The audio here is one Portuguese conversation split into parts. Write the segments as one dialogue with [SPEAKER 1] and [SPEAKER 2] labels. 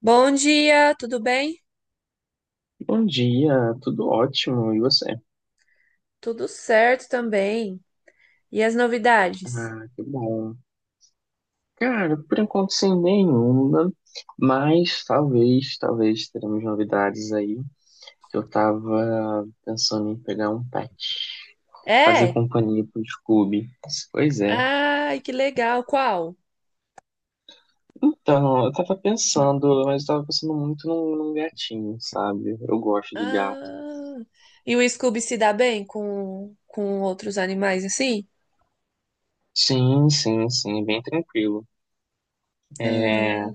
[SPEAKER 1] Bom dia, tudo bem?
[SPEAKER 2] Bom dia, tudo ótimo, e você?
[SPEAKER 1] Tudo certo também. E as novidades?
[SPEAKER 2] Ah, que bom. Cara, por enquanto sem nenhuma, mas talvez teremos novidades aí. Eu tava pensando em pegar um pet, fazer
[SPEAKER 1] É?
[SPEAKER 2] companhia pro Scooby. Pois é.
[SPEAKER 1] Ai, que legal. Qual?
[SPEAKER 2] Então, eu tava pensando, mas eu tava pensando muito num gatinho, sabe? Eu gosto de gato.
[SPEAKER 1] Ah, e o Scooby se dá bem com outros animais assim?
[SPEAKER 2] Sim, sim, sim, bem tranquilo.
[SPEAKER 1] Ah,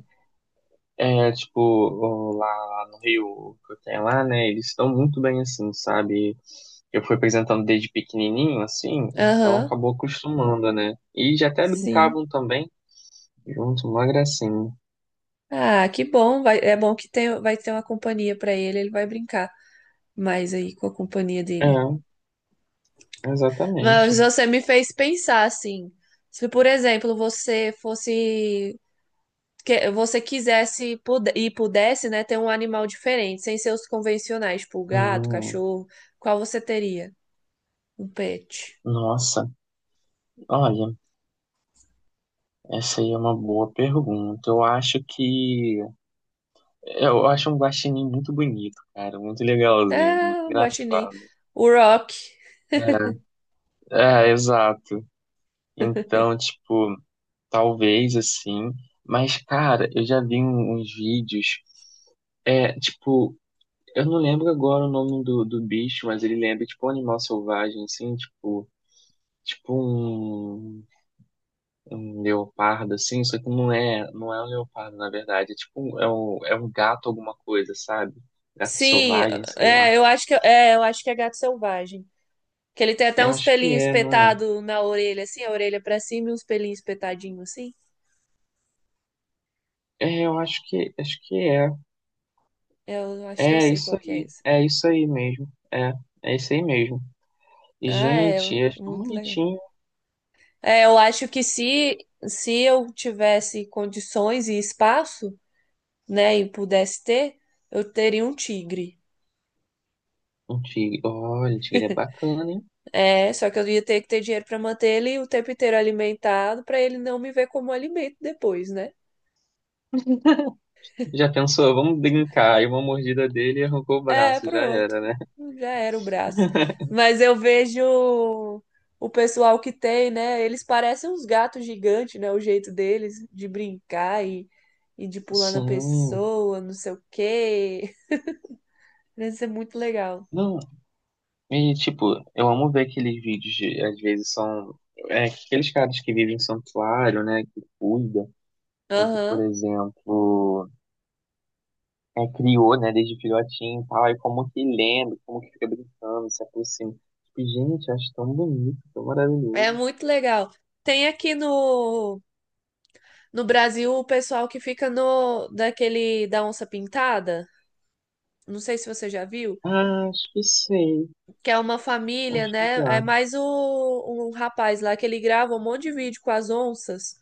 [SPEAKER 2] É, tipo, lá no Rio, que eu tenho lá, né, eles estão muito bem, assim, sabe? Eu fui apresentando desde pequenininho, assim, então
[SPEAKER 1] aham,
[SPEAKER 2] acabou acostumando, né? E já até
[SPEAKER 1] sim.
[SPEAKER 2] brincavam também, junto, uma gracinha.
[SPEAKER 1] Ah, que bom. É bom que tem, vai ter uma companhia para ele, ele vai brincar mais aí com a companhia dele.
[SPEAKER 2] É, exatamente.
[SPEAKER 1] Mas você me fez pensar assim. Se, por exemplo, você fosse que você quisesse e pudesse, né, ter um animal diferente, sem ser os convencionais, tipo gato,
[SPEAKER 2] Hum,
[SPEAKER 1] cachorro, qual você teria? Um pet.
[SPEAKER 2] nossa, olha, essa aí é uma boa pergunta. Eu acho que Eu acho um guaxinim muito bonito, cara, muito legalzinho, muito
[SPEAKER 1] Ah, o guaxinim.
[SPEAKER 2] engraçado.
[SPEAKER 1] O Rock.
[SPEAKER 2] É, é, exato. Então, tipo... Talvez assim. Mas, cara, eu já vi uns vídeos. É, tipo, eu não lembro agora o nome do bicho, mas ele lembra, tipo, um animal selvagem, assim, tipo, tipo um, um leopardo, assim, só que não é um leopardo, na verdade. É tipo, é um gato alguma coisa, sabe? Gato
[SPEAKER 1] Sim,
[SPEAKER 2] selvagem, sei lá.
[SPEAKER 1] é, eu acho que é gato selvagem. Que ele tem até
[SPEAKER 2] Eu
[SPEAKER 1] uns
[SPEAKER 2] acho que
[SPEAKER 1] pelinhos
[SPEAKER 2] é, não é?
[SPEAKER 1] espetados na orelha, assim, a orelha pra cima e uns pelinhos espetadinhos, assim.
[SPEAKER 2] É, eu acho acho que é.
[SPEAKER 1] Eu acho que eu
[SPEAKER 2] É
[SPEAKER 1] sei
[SPEAKER 2] isso
[SPEAKER 1] qual que é
[SPEAKER 2] aí.
[SPEAKER 1] esse.
[SPEAKER 2] É isso aí mesmo. É, é isso aí mesmo. E,
[SPEAKER 1] Ah, é,
[SPEAKER 2] gente, é tão
[SPEAKER 1] muito legal.
[SPEAKER 2] bonitinho.
[SPEAKER 1] É, eu acho que se eu tivesse condições e espaço, né, e pudesse ter, eu teria um tigre.
[SPEAKER 2] Um tigre. Olha, tigre é bacana, hein?
[SPEAKER 1] É, só que eu ia ter que ter dinheiro para manter ele o tempo inteiro alimentado, para ele não me ver como alimento depois, né?
[SPEAKER 2] Já pensou? Vamos brincar. Aí uma mordida dele e arrancou o
[SPEAKER 1] É,
[SPEAKER 2] braço, já
[SPEAKER 1] pronto.
[SPEAKER 2] era, né?
[SPEAKER 1] Já era o braço. Mas eu vejo o pessoal que tem, né? Eles parecem uns gatos gigantes, né? O jeito deles e de pular na
[SPEAKER 2] Sim.
[SPEAKER 1] pessoa, não sei o quê. Deve ser muito legal.
[SPEAKER 2] Não, e tipo, eu amo ver aqueles vídeos, de, às vezes são é, aqueles caras que vivem em santuário, né, que cuida, ou que, por
[SPEAKER 1] Aham.
[SPEAKER 2] exemplo, é, criou, né, desde filhotinho e tal, e como que lembra, como que fica brincando, se aproxima. Tipo, gente, acho tão bonito, tão
[SPEAKER 1] É
[SPEAKER 2] maravilhoso.
[SPEAKER 1] muito legal. Tem aqui no No Brasil, o pessoal que fica no daquele da onça pintada, não sei se você já viu,
[SPEAKER 2] Ah, acho que sei,
[SPEAKER 1] que é uma família,
[SPEAKER 2] acho que
[SPEAKER 1] né? É
[SPEAKER 2] já.
[SPEAKER 1] mais um rapaz lá que ele grava um monte de vídeo com as onças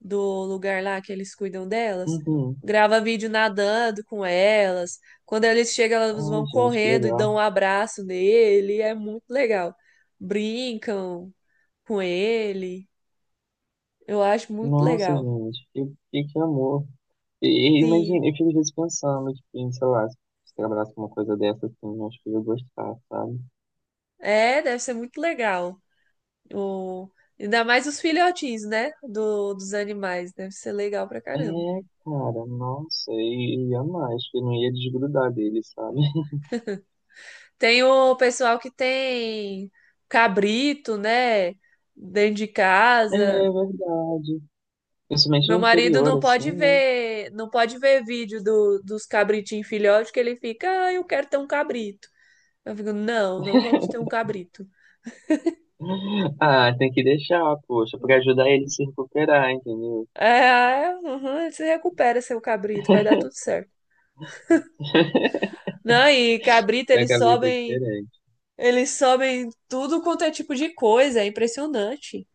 [SPEAKER 1] do lugar lá que eles cuidam delas.
[SPEAKER 2] Uhum.
[SPEAKER 1] Grava vídeo nadando com elas. Quando eles chegam, elas
[SPEAKER 2] Ai,
[SPEAKER 1] vão
[SPEAKER 2] gente, que
[SPEAKER 1] correndo e
[SPEAKER 2] legal.
[SPEAKER 1] dão um abraço nele. É muito legal. Brincam com ele. Eu acho muito
[SPEAKER 2] Nossa,
[SPEAKER 1] legal.
[SPEAKER 2] gente, que amor. E
[SPEAKER 1] Sim.
[SPEAKER 2] imagina, eu fico às vezes pensando, tipo, em, sei lá, se eu trabalhasse com uma coisa dessa, assim, acho que eu ia gostar, sabe?
[SPEAKER 1] É, deve ser muito legal. O... Ainda mais os filhotinhos, né? Dos animais. Deve ser legal pra
[SPEAKER 2] É,
[SPEAKER 1] caramba.
[SPEAKER 2] cara, nossa, e ia mais, acho que eu não ia desgrudar dele, sabe?
[SPEAKER 1] Tem o pessoal que tem cabrito, né? Dentro de
[SPEAKER 2] É
[SPEAKER 1] casa.
[SPEAKER 2] verdade. Principalmente
[SPEAKER 1] Meu
[SPEAKER 2] no
[SPEAKER 1] marido
[SPEAKER 2] interior, assim, né?
[SPEAKER 1] não pode ver vídeo dos cabritinhos filhotes, que ele fica, ah, eu quero ter um cabrito. Eu fico, não, não vamos ter um cabrito.
[SPEAKER 2] Ah, tem que deixar, poxa, pra ajudar ele a se recuperar, entendeu?
[SPEAKER 1] É, uhum, você recupera seu cabrito, vai dar tudo certo. Não, e cabrito,
[SPEAKER 2] É que a vida é diferente.
[SPEAKER 1] eles sobem tudo quanto é tipo de coisa, é impressionante.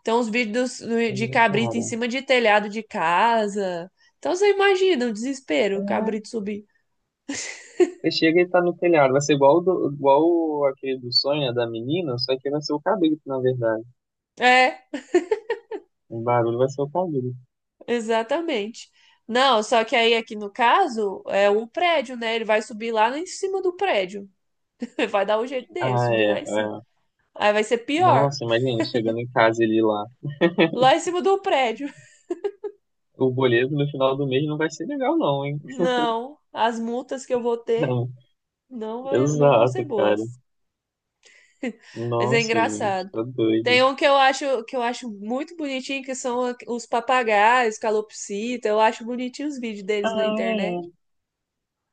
[SPEAKER 1] Então, os vídeos
[SPEAKER 2] É,
[SPEAKER 1] de cabrito em
[SPEAKER 2] cara,
[SPEAKER 1] cima de telhado de casa. Então, você imagina o desespero, o
[SPEAKER 2] é.
[SPEAKER 1] cabrito subir.
[SPEAKER 2] Você chega e tá no telhado. Vai ser igual, o do, aquele do sonho né, da menina, só que vai ser o cabrito, na verdade.
[SPEAKER 1] É,
[SPEAKER 2] O barulho vai ser o cabrito.
[SPEAKER 1] exatamente. Não, só que aí aqui no caso é o prédio, né? Ele vai subir lá em cima do prédio. Vai dar o jeito dele
[SPEAKER 2] Ah,
[SPEAKER 1] subir
[SPEAKER 2] é,
[SPEAKER 1] lá em cima.
[SPEAKER 2] é.
[SPEAKER 1] Aí vai ser pior,
[SPEAKER 2] Nossa, imagina, chegando em casa ele lá.
[SPEAKER 1] lá em cima do prédio.
[SPEAKER 2] O boleto no final do mês não vai ser legal, não, hein?
[SPEAKER 1] Não, as multas que eu vou ter
[SPEAKER 2] Não.
[SPEAKER 1] não, não vão ser
[SPEAKER 2] Exato, cara.
[SPEAKER 1] boas. Mas é
[SPEAKER 2] Nossa, gente,
[SPEAKER 1] engraçado.
[SPEAKER 2] tá doido.
[SPEAKER 1] Tem um que eu acho muito bonitinho, que são os papagaios, calopsita. Eu acho bonitinho os vídeos
[SPEAKER 2] Ah,
[SPEAKER 1] deles na internet.
[SPEAKER 2] é.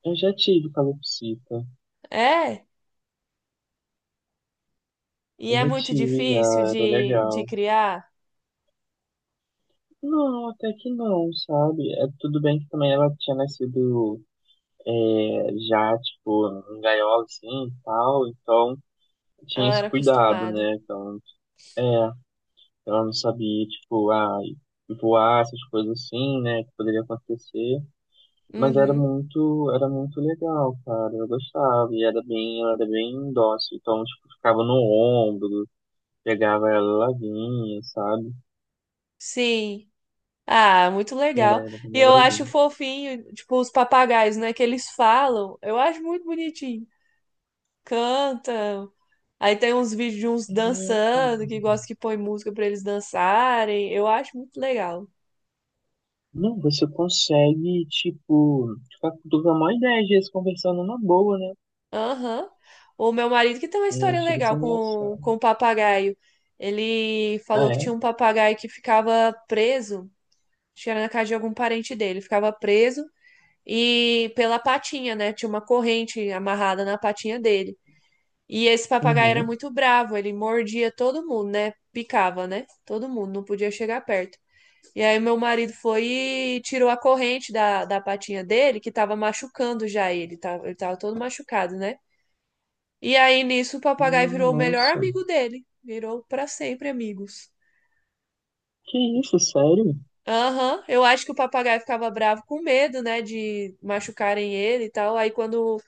[SPEAKER 2] Eu já tive calopsita.
[SPEAKER 1] É, e
[SPEAKER 2] Eu
[SPEAKER 1] é
[SPEAKER 2] já
[SPEAKER 1] muito
[SPEAKER 2] tive,
[SPEAKER 1] difícil
[SPEAKER 2] já. Era
[SPEAKER 1] de
[SPEAKER 2] legal.
[SPEAKER 1] criar.
[SPEAKER 2] Não, até que não, sabe? É, tudo bem que também ela tinha nascido é, já, tipo, em gaiola, assim, e tal, então tinha
[SPEAKER 1] Ela
[SPEAKER 2] esse
[SPEAKER 1] era
[SPEAKER 2] cuidado,
[SPEAKER 1] acostumada.
[SPEAKER 2] né? Então, é, ela não sabia, tipo, ah, voar, essas coisas assim, né, que poderia acontecer, mas
[SPEAKER 1] Uhum.
[SPEAKER 2] era muito legal, cara, eu gostava, e era bem, ela era bem dócil, então, tipo, ficava no ombro, pegava ela, ela vinha, sabe?
[SPEAKER 1] Sim. Ah, muito
[SPEAKER 2] Era,
[SPEAKER 1] legal.
[SPEAKER 2] era bem
[SPEAKER 1] E eu acho
[SPEAKER 2] legalzinho.
[SPEAKER 1] fofinho, tipo, os papagaios, né, que eles falam. Eu acho muito bonitinho. Cantam. Aí tem uns vídeos de uns
[SPEAKER 2] É, cara.
[SPEAKER 1] dançando, que gosta que põe música pra eles dançarem. Eu acho muito legal.
[SPEAKER 2] Não, você consegue, tipo, ficar com uma ideia às vezes conversando numa boa, né?
[SPEAKER 1] Aham. O meu marido que tem uma
[SPEAKER 2] É,
[SPEAKER 1] história
[SPEAKER 2] chega a ser
[SPEAKER 1] legal
[SPEAKER 2] engraçado.
[SPEAKER 1] com o papagaio. Ele
[SPEAKER 2] Ah,
[SPEAKER 1] falou que
[SPEAKER 2] é?
[SPEAKER 1] tinha um papagaio que ficava preso, acho que era na casa de algum parente dele, ficava preso e pela patinha, né? Tinha uma corrente amarrada na patinha dele. E esse papagaio era
[SPEAKER 2] Uhum.
[SPEAKER 1] muito bravo, ele mordia todo mundo, né? Picava, né? Todo mundo, não podia chegar perto. E aí meu marido foi e tirou a corrente da patinha dele, que tava machucando já ele, ele tava todo machucado, né? E aí nisso o papagaio
[SPEAKER 2] Ah,
[SPEAKER 1] virou o melhor
[SPEAKER 2] nossa.
[SPEAKER 1] amigo dele. Virou pra sempre amigos.
[SPEAKER 2] Que isso, sério?
[SPEAKER 1] Aham, eu acho que o papagaio ficava bravo com medo, né, de machucarem ele e tal. Aí quando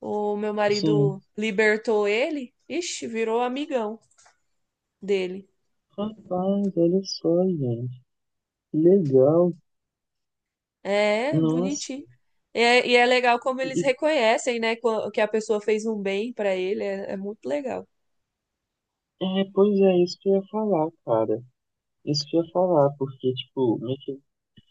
[SPEAKER 1] o meu marido
[SPEAKER 2] Sim.
[SPEAKER 1] libertou ele, ixi, virou amigão dele.
[SPEAKER 2] Rapaz, olha só, gente. Legal.
[SPEAKER 1] É,
[SPEAKER 2] Nossa.
[SPEAKER 1] bonitinho. É, e é legal como
[SPEAKER 2] E,
[SPEAKER 1] eles
[SPEAKER 2] e-
[SPEAKER 1] reconhecem, né, que a pessoa fez um bem pra ele. É, é muito legal.
[SPEAKER 2] é, pois é, isso que eu ia falar, cara. Isso que eu ia falar, porque, tipo, meio que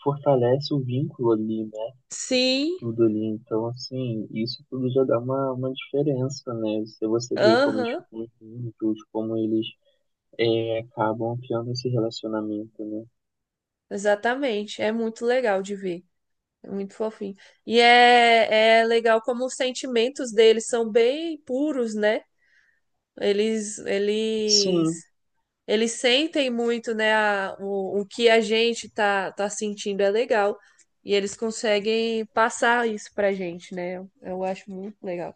[SPEAKER 2] fortalece o vínculo ali, né?
[SPEAKER 1] Sim,
[SPEAKER 2] Tudo ali. Então, assim, isso tudo já dá uma diferença, né? Se você vê como eles
[SPEAKER 1] aham,
[SPEAKER 2] ficam juntos, como eles é, acabam criando esse relacionamento, né?
[SPEAKER 1] exatamente. É muito legal de ver. É muito fofinho. E é legal como os sentimentos deles são bem puros, né? Eles, eles,
[SPEAKER 2] Sim,
[SPEAKER 1] eles sentem muito, né, o que a gente tá sentindo é legal. E eles conseguem passar isso pra gente, né? Eu acho muito legal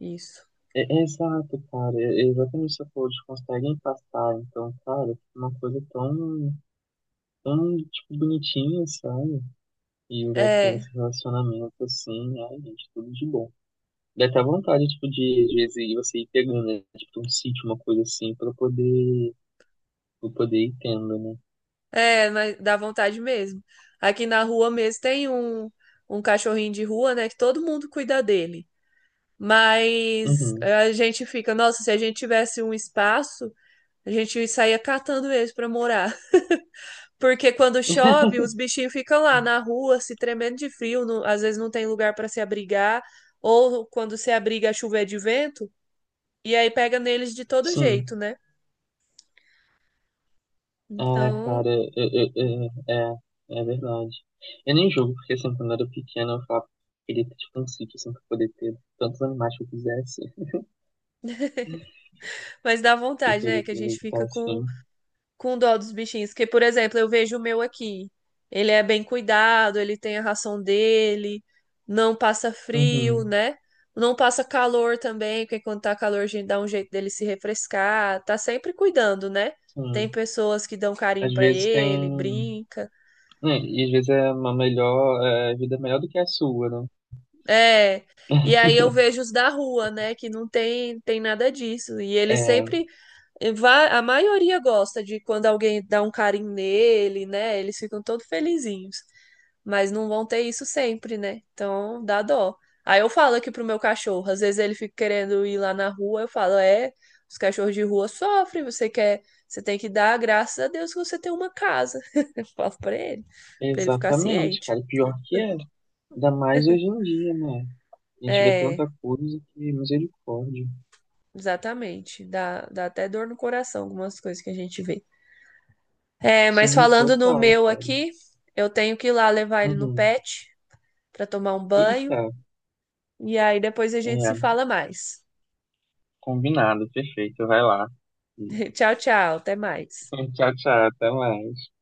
[SPEAKER 1] isso.
[SPEAKER 2] é, é exato, cara. É, é exatamente isso que você falou, eles conseguem passar. Então, cara, fica uma coisa tão, tão, tipo, bonitinha, sabe? E o Jack tem
[SPEAKER 1] É,
[SPEAKER 2] esse relacionamento assim, ai, gente, tudo de bom. Dá até vontade, tipo, de, às vezes, você ir pegando, né? Tipo, um sítio, uma coisa assim, pra poder ir tendo, né?
[SPEAKER 1] mas dá vontade mesmo. Aqui na rua mesmo tem um, um cachorrinho de rua, né, que todo mundo cuida dele. Mas
[SPEAKER 2] Uhum.
[SPEAKER 1] a gente fica, nossa, se a gente tivesse um espaço, a gente saía catando eles para morar. Porque quando chove, os bichinhos ficam lá na rua, se tremendo de frio, às vezes não tem lugar para se abrigar, ou quando se abriga, a chuva é de vento, e aí pega neles de todo
[SPEAKER 2] Sim.
[SPEAKER 1] jeito, né?
[SPEAKER 2] Ah,
[SPEAKER 1] Então,
[SPEAKER 2] cara, é, é, é, é verdade. Eu nem jogo, porque assim, quando eu era pequeno, eu falava que queria ter tipo um sítio assim pra poder ter tantos animais que eu quisesse.
[SPEAKER 1] mas dá
[SPEAKER 2] Que
[SPEAKER 1] vontade,
[SPEAKER 2] foi
[SPEAKER 1] né? Que a gente
[SPEAKER 2] aproveitar
[SPEAKER 1] fica
[SPEAKER 2] assim.
[SPEAKER 1] com dó dos bichinhos. Porque, por exemplo, eu vejo o meu aqui. Ele é bem cuidado, ele tem a ração dele, não passa frio,
[SPEAKER 2] Uhum,
[SPEAKER 1] né? Não passa calor também, porque quando tá calor a gente dá um jeito dele se refrescar. Tá sempre cuidando, né?
[SPEAKER 2] sim.
[SPEAKER 1] Tem pessoas que dão carinho
[SPEAKER 2] Às
[SPEAKER 1] pra
[SPEAKER 2] vezes
[SPEAKER 1] ele,
[SPEAKER 2] tem.
[SPEAKER 1] brinca.
[SPEAKER 2] Né, e às vezes é uma melhor. É, a vida é melhor do que a sua, né?
[SPEAKER 1] É. E aí eu vejo os da rua, né, que tem nada disso. E ele
[SPEAKER 2] É,
[SPEAKER 1] sempre a maioria gosta de quando alguém dá um carinho nele, né? Eles ficam todos felizinhos. Mas não vão ter isso sempre, né? Então dá dó. Aí eu falo aqui pro meu cachorro, às vezes ele fica querendo ir lá na rua, eu falo, é, os cachorros de rua sofrem, você quer, você tem que dar graças a Deus que você tem uma casa. Eu falo pra ele ficar
[SPEAKER 2] exatamente,
[SPEAKER 1] ciente.
[SPEAKER 2] cara. E pior que é. Ainda mais hoje em dia, né? A gente vê
[SPEAKER 1] É,
[SPEAKER 2] tanta coisa que é misericórdia.
[SPEAKER 1] exatamente. Dá até dor no coração algumas coisas que a gente vê. É, mas
[SPEAKER 2] Sim,
[SPEAKER 1] falando no
[SPEAKER 2] total,
[SPEAKER 1] meu
[SPEAKER 2] cara.
[SPEAKER 1] aqui, eu tenho que ir lá levar ele no
[SPEAKER 2] Uhum.
[SPEAKER 1] pet para tomar um banho
[SPEAKER 2] Eita,
[SPEAKER 1] e aí depois a gente se
[SPEAKER 2] é,
[SPEAKER 1] fala mais.
[SPEAKER 2] combinado, perfeito. Vai lá.
[SPEAKER 1] Tchau, tchau, até mais.
[SPEAKER 2] Tchau, tchau, até mais.